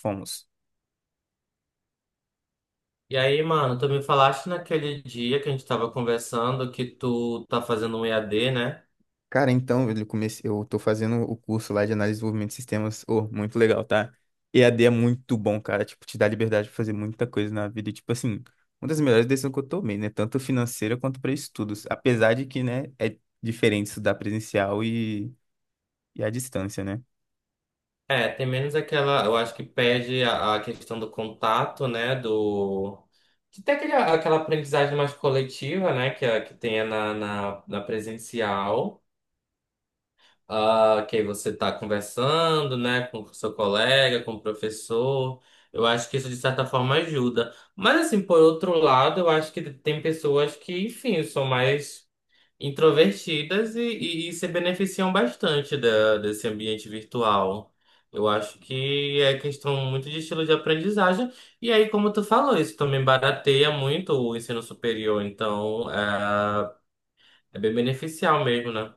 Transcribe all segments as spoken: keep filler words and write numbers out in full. Fomos. E aí, mano, tu me falaste naquele dia que a gente tava conversando que tu tá fazendo um E A D, né? Cara, então eu comecei, eu tô fazendo o curso lá de análise e desenvolvimento de sistemas. Oh, muito legal, tá? E a d é muito bom, cara. Tipo, te dá liberdade de fazer muita coisa na vida. E, tipo assim, uma das melhores decisões que eu tomei, né? Tanto financeira quanto para estudos. Apesar de que, né, é diferente estudar presencial e, e à distância, né? É, tem menos aquela, eu acho que perde a, a questão do contato, né? Do. De ter aquele, aquela aprendizagem mais coletiva, né? Que, a- que tenha na, na, na presencial. Ah que aí você tá conversando, né? Com o seu colega, com o professor. Eu acho que isso, de certa forma, ajuda. Mas, assim, por outro lado, eu acho que tem pessoas que, enfim, são mais. introvertidas e, e, e se beneficiam bastante da- desse ambiente virtual. Eu acho que é questão muito de estilo de aprendizagem. E aí, como tu falou, isso também barateia muito o ensino superior. Então, é, é bem beneficial mesmo, né?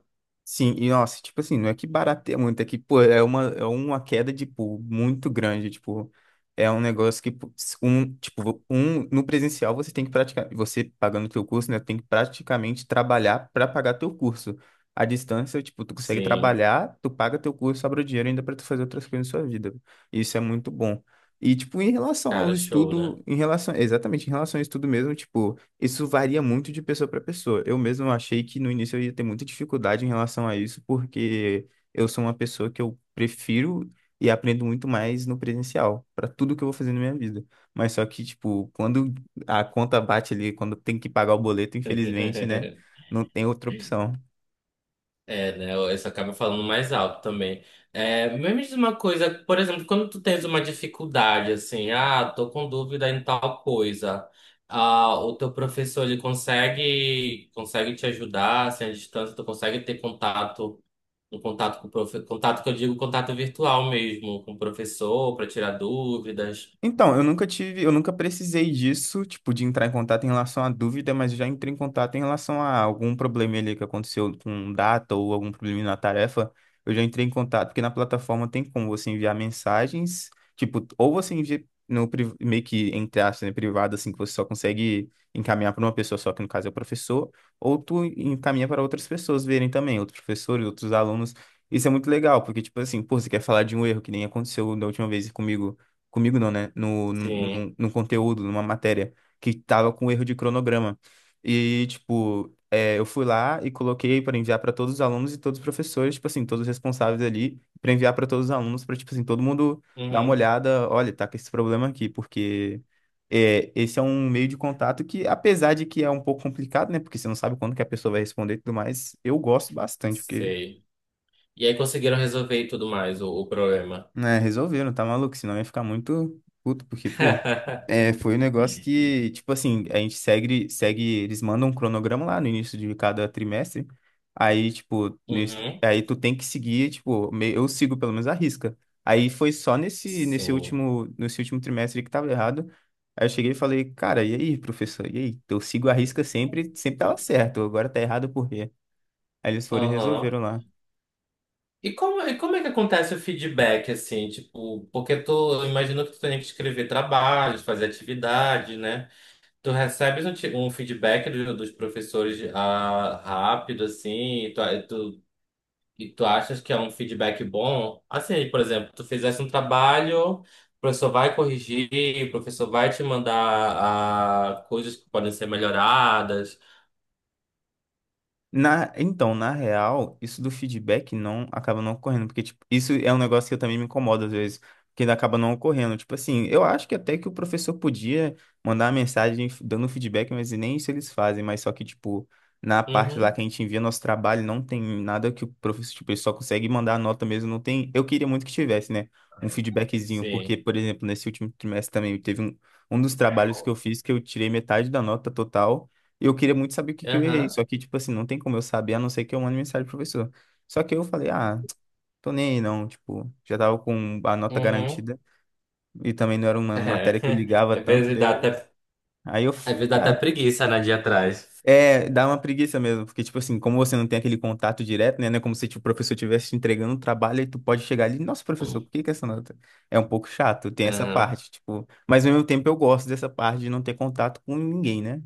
Sim, e nossa, tipo assim, não é que barateia muito, é que, pô, é uma, é uma queda de pô muito grande, tipo, é um negócio que, pô, s- um, tipo, um, no presencial você tem que praticar, você pagando teu curso, né, tem que praticamente trabalhar para pagar teu curso. À distância, tipo, tu consegue Sim, trabalhar, tu paga teu curso, sobra o dinheiro ainda para tu fazer outras coisas na sua vida. Isso é muito bom. E, tipo, em relação ao cara, show, né? estudo, em relação, exatamente, em relação ao estudo mesmo, tipo, isso varia muito de pessoa para pessoa. Eu mesmo achei que no início eu ia ter muita dificuldade em relação a isso, porque eu sou uma pessoa que eu prefiro e aprendo muito mais no presencial, para tudo que eu vou fazer na minha vida. Mas só que, tipo, quando a conta bate ali, quando tem que pagar o boleto, infelizmente, né, não tem outra opção. É, né? Isso acaba falando mais alto também. É, mas me diz uma coisa, por exemplo, quando tu tens uma dificuldade, assim, ah, tô com dúvida em tal coisa, ah, o teu professor, ele consegue, consegue te ajudar, assim, à distância, tu consegue ter contato, um contato com o profe, contato que eu digo, contato virtual mesmo, com o professor, para tirar dúvidas, Então, eu nunca tive, eu nunca precisei disso, tipo, de entrar em contato em relação à dúvida, mas eu já entrei em contato em relação a algum problema ali que aconteceu com data ou algum problema na tarefa. Eu já entrei em contato, porque na plataforma tem como você enviar mensagens, tipo, ou você envia no pri- meio que entre aspas, né, privado, assim, que você só consegue encaminhar para uma pessoa só, que no caso é o professor, ou tu encaminha para outras pessoas verem também, outros professores, outros alunos. Isso é muito legal, porque, tipo assim, pô, você quer falar de um erro que nem aconteceu da última vez comigo comigo não, né? No, sim, no, no conteúdo, numa matéria, que tava com erro de cronograma. E, tipo, é, eu fui lá e coloquei para enviar para todos os alunos e todos os professores, tipo assim, todos os responsáveis ali, para enviar para todos os alunos, para, tipo assim, todo mundo dar uma uhum, olhada, olha, tá com esse problema aqui, porque é, esse é um meio de contato que, apesar de que é um pouco complicado, né? Porque você não sabe quando que a pessoa vai responder e tudo mais, eu gosto bastante, porque sei. E aí conseguiram resolver e tudo mais, o, o problema. é, resolveram, tá maluco? Senão ia ficar muito puto, porque, pô, é, foi um negócio que, tipo assim, a gente segue, segue, eles mandam um cronograma lá no início de cada trimestre, aí, tipo, no ins- Uhum, aí tu tem que seguir, tipo, me- eu sigo pelo menos a risca. Aí foi só nesse, nesse sim. último, nesse último trimestre que tava errado, aí eu cheguei e falei, cara, e aí, professor, e aí? Eu sigo a risca sempre, sempre tava certo, agora tá errado por quê? Aí eles foram e Aham. resolveram lá. E como, e como é que acontece o feedback, assim, tipo, porque tu, eu imagino que tu tem que escrever trabalhos, fazer atividade, né? Tu recebes um, ti- um feedback do- dos professores, ah, rápido, assim, e tu, e tu, e tu achas que é um feedback bom? Assim, por exemplo, tu fizesse um trabalho, o professor vai corrigir, o professor vai te mandar, ah, coisas que podem ser melhoradas. Na, então, na real, isso do feedback não acaba não ocorrendo, porque tipo, isso é um negócio que eu também me incomodo às vezes, que ainda acaba não ocorrendo. Tipo assim, eu acho que até que o professor podia mandar uma mensagem f- dando feedback, mas nem isso eles fazem, mas só que, tipo, na parte lá Uhum. que a gente envia nosso trabalho, não tem nada que o professor, tipo, ele só consegue mandar a nota mesmo, não tem. Eu queria muito que tivesse, né? Um feedbackzinho, porque, Sim. por exemplo, nesse último trimestre também teve um, um dos trabalhos que eu fiz que eu tirei metade da nota total. Eu queria muito saber o que que eu errei, Aham. só que, tipo assim, não tem como eu saber, a não ser que eu mande mensagem pro professor. Só que eu falei, ah, tô nem aí não, tipo, já tava com a nota Uhum. garantida e também não era uma É, matéria que eu ligava às tanto, vezes daí dá eu... até, Aí eu, às vezes dá tá, até preguiça, né, de ir atrás. é, dá uma preguiça mesmo, porque, tipo assim, como você não tem aquele contato direto, né, não é como se tipo, o professor estivesse te entregando um trabalho e tu pode chegar ali, nossa, professor, por que que essa nota? É um pouco chato, tem essa Aham, parte, tipo, mas ao mesmo tempo eu gosto dessa parte de não ter contato com ninguém, né?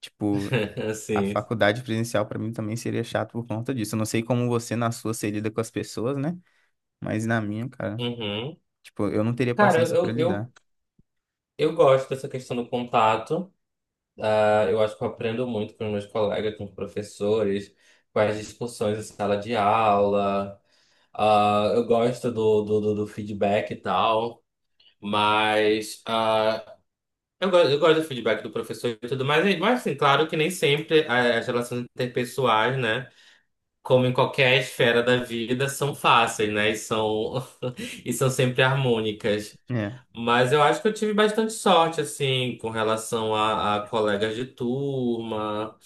Tipo, a sim. faculdade presencial pra mim também seria chato por conta disso. Eu não sei como você na sua se lida com as pessoas, né? Mas na minha, cara, Uhum. tipo, eu não teria Cara, paciência pra eu, lidar. eu, eu gosto dessa questão do contato. Ah, eu acho que eu aprendo muito com os meus colegas, com os professores, com as discussões em sala de aula. Ah, eu gosto do, do, do, do feedback e tal. Mas, ah, eu, go- eu gosto do feedback do professor e tudo mais. Mas, assim, claro que nem sempre, ah, as relações interpessoais, né? Como em qualquer esfera da vida, são fáceis, né? E são, e são sempre harmônicas. É. Mas eu acho que eu tive bastante sorte, assim, com relação a, a colegas de turma,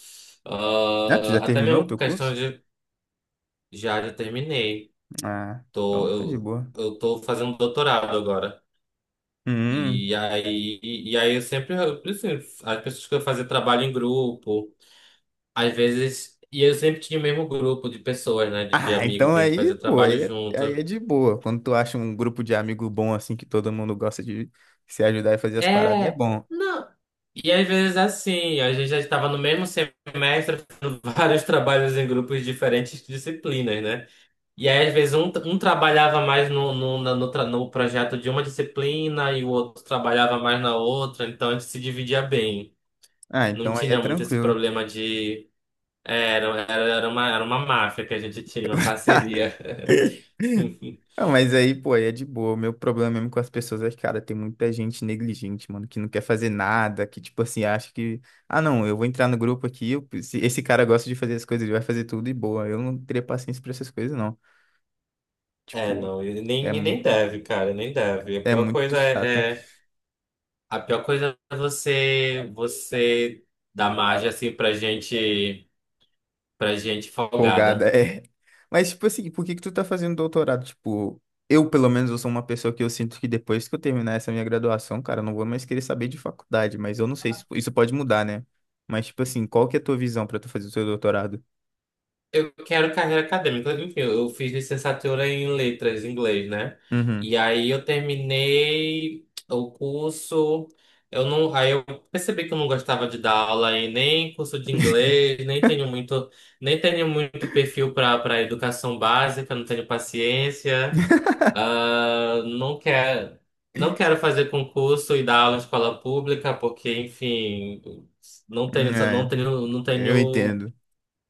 Ah, tu já ah, até terminou o mesmo com teu questão curso? de. Já, já terminei. Ah, Tô, então tá de eu, boa. eu Tô fazendo doutorado agora. Hum. E aí, e, e aí eu sempre, eu, assim, as pessoas que eu fazia trabalho em grupo, às vezes, e eu sempre tinha o mesmo grupo de pessoas, né, de, de Ah, amigos então que a gente aí, fazia pô, trabalho aí é, aí é junto. de boa. Quando tu acha um grupo de amigo bom assim que todo mundo gosta de se ajudar e fazer as paradas, é É, bom. não. E às vezes assim, a gente já estava no mesmo semestre fazendo vários trabalhos em grupos de diferentes disciplinas, né? E aí às vezes um, um trabalhava mais no, no, na- no, tra- no projeto de uma disciplina e o outro trabalhava mais na outra, então a gente se dividia bem. Ah, Não então aí é tinha muito esse tranquilo. problema de. é, Era, era, era uma, era uma máfia que a gente tinha, uma parceria. Ah, mas aí, pô, aí é de boa. O meu problema mesmo com as pessoas é que, cara, tem muita gente negligente, mano, que não quer fazer nada, que, tipo assim, acha que, ah, não, eu vou entrar no grupo aqui, eu- se esse cara gosta de fazer as coisas, ele vai fazer tudo e boa. Eu não teria paciência pra essas coisas, não. É, Tipo, não, e é, nem, e nem mu- deve, cara, nem deve. A é pior muito coisa chato. é, é A pior coisa é você, você dar margem assim pra gente, pra gente Folgada, folgada. é. Mas, tipo assim, por que que tu tá fazendo doutorado? Tipo, eu, pelo menos, eu sou uma pessoa que eu sinto que depois que eu terminar essa minha graduação, cara, eu não vou mais querer saber de faculdade, mas eu não sei, se isso pode mudar, né? Mas, tipo assim, qual que é a tua visão pra tu fazer o teu doutorado? Eu quero carreira acadêmica. Enfim, eu fiz licenciatura em letras, em inglês, né? Uhum. E aí eu terminei o curso. Eu não, aí eu Percebi que eu não gostava de dar aula em nem curso de inglês, nem tenho muito, nem tenho muito perfil para para educação básica, não tenho paciência. Ah, não quero, não quero fazer concurso e dar aula em escola pública, porque, enfim, não Hum, tenho, não é, tenho, não eu tenho entendo.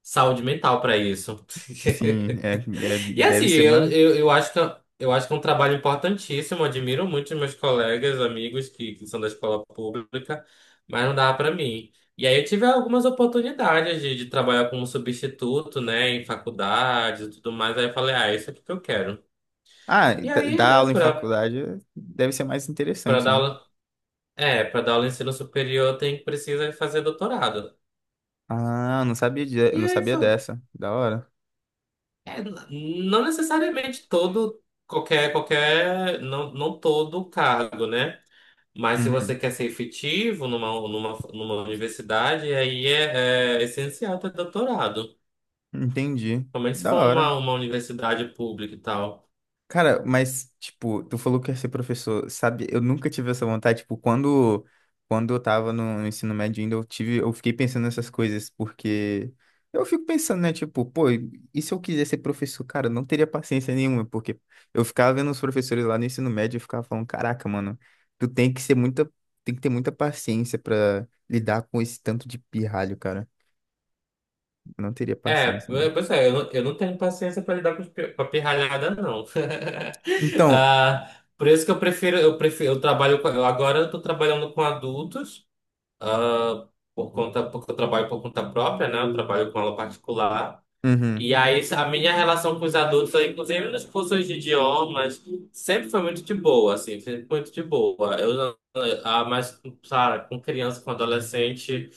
saúde mental pra isso. Sim, é, é- E assim, deve ser eu, mais. eu, eu acho que é, eu acho que é um trabalho importantíssimo. Admiro muito os meus colegas, amigos que, que são da escola pública, mas não dá pra mim. E aí eu tive algumas oportunidades de, de trabalhar como substituto, né, em faculdades e tudo mais. Aí eu falei, ah, isso é o que eu quero. Ah, E d- aí, dar né, aula em pra, faculdade é- deve ser mais Pra interessante, dar né? aula, é, pra dar aula em ensino superior, tem precisa fazer doutorado. Ah, não sabia, de, E não aí sabia foi, dessa. Da hora. É, n- não necessariamente todo, qualquer, qualquer, não, não todo cargo, né? Mas se você Uhum. quer ser efetivo numa, numa, numa universidade, aí é, é essencial ter doutorado. Entendi. Principalmente se Da for uma, hora. uma universidade pública e tal. Cara, mas, tipo, tu falou que ia ser professor, sabe? Eu nunca tive essa vontade, tipo, quando, quando eu tava no, no ensino médio ainda, eu tive, eu fiquei pensando nessas coisas, porque eu fico pensando, né, tipo, pô, e se eu quiser ser professor, cara, eu não teria paciência nenhuma, porque eu ficava vendo os professores lá no ensino médio e ficava falando, caraca, mano, tu tem que ser muita, tem que ter muita paciência pra lidar com esse tanto de pirralho, cara. Eu não teria É, paciência. Né? é, pois é, eu não, eu não tenho paciência para lidar com, os pi- com a pirralhada, não. Então, Ah, por isso que eu prefiro, eu prefiro, eu trabalho, com- eu agora eu tô trabalhando com adultos. Ah, por conta, porque eu trabalho por conta própria, né? Eu trabalho com aula particular. uhum. E aí, a minha relação com os adultos, inclusive nas cursos de idiomas, sempre foi muito de boa, assim, sempre muito de boa. Eu, não- ah, mas, Cara, com criança, com adolescente,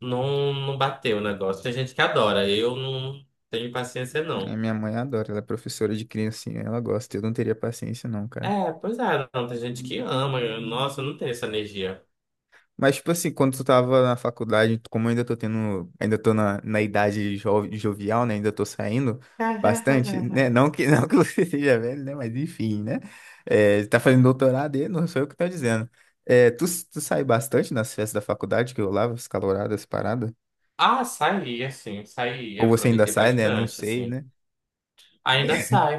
não, não bateu o negócio. Tem gente que adora, eu não tenho paciência, É, não. minha mãe adora, ela é professora de criancinha, ela gosta. Eu não teria paciência, não, cara. É, pois é, não, tem gente que ama, eu- nossa, eu não tenho essa energia. Mas, tipo assim, quando tu tava na faculdade, como eu ainda tô tendo, ainda tô na, na idade jo- jovial, né? Ainda tô saindo bastante, né? Não que, não que você seja velho, né? Mas enfim, né? É, tá fazendo doutorado e não sou eu que tô dizendo. É, tu, tu sai bastante nas festas da faculdade que eu rolava, as caloradas, parada? Ah, saí, assim, saí, Ou você ainda aproveitei sai, né? Não bastante, sei, assim. né? Ainda sai.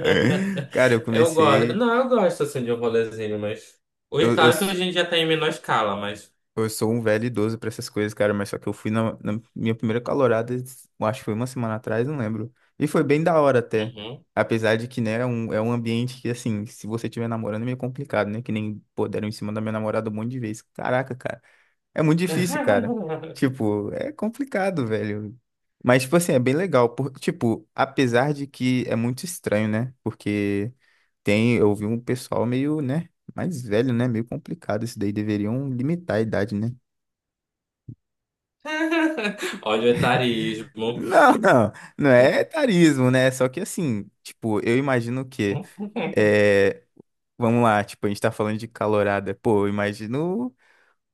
Cara, eu Eu gosto. comecei. Não, eu gosto assim de um rolezinho, mas. Hoje, Eu, eu, claro que hoje a gente já tá em menor escala, mas. Eu sou um velho idoso pra essas coisas, cara, mas só que eu fui na, na minha primeira calorada, eu acho que foi uma semana atrás, não lembro. E foi bem da hora até. Uhum. Apesar de que, né, é um, é um ambiente que, assim, se você estiver namorando é meio complicado, né? Que nem, pô, deram em cima da minha namorada um monte de vezes. Caraca, cara. É muito difícil, cara. Tipo, é complicado, velho. Mas, tipo assim, é bem legal. Por, tipo, apesar de que é muito estranho, né? Porque tem, eu vi um pessoal meio, né? Mais velho, né? Meio complicado. Isso daí deveriam limitar a idade, né? Olha o etarismo. Não, não, não é etarismo, né? Só que assim, tipo, eu imagino que, é, vamos lá, tipo, a gente tá falando de calorada, pô, eu imagino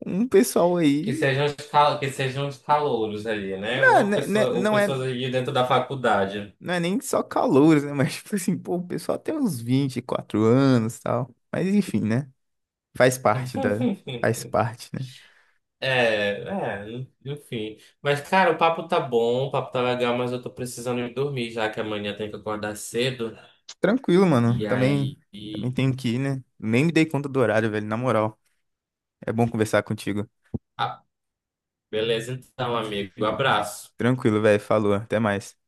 um pessoal Que aí, sejam os cal... Que sejam os calouros ali, né? não, Ou, né, né, pessoa... Ou não é, pessoas ali dentro da faculdade. não é nem só calouros, né? Mas tipo assim, pô, o pessoal tem uns vinte e quatro anos e tal, mas enfim, né? Faz parte da, faz parte, né? É, é, enfim. Mas, cara, o papo tá bom, o papo tá legal, mas eu tô precisando ir dormir, já que amanhã tem que acordar cedo. Tranquilo, mano, E também, aí, também tenho que ir, né? Nem me dei conta do horário, velho, na moral. É bom conversar contigo. ah, beleza então, amigo. Abraço. Tranquilo, velho, falou, até mais.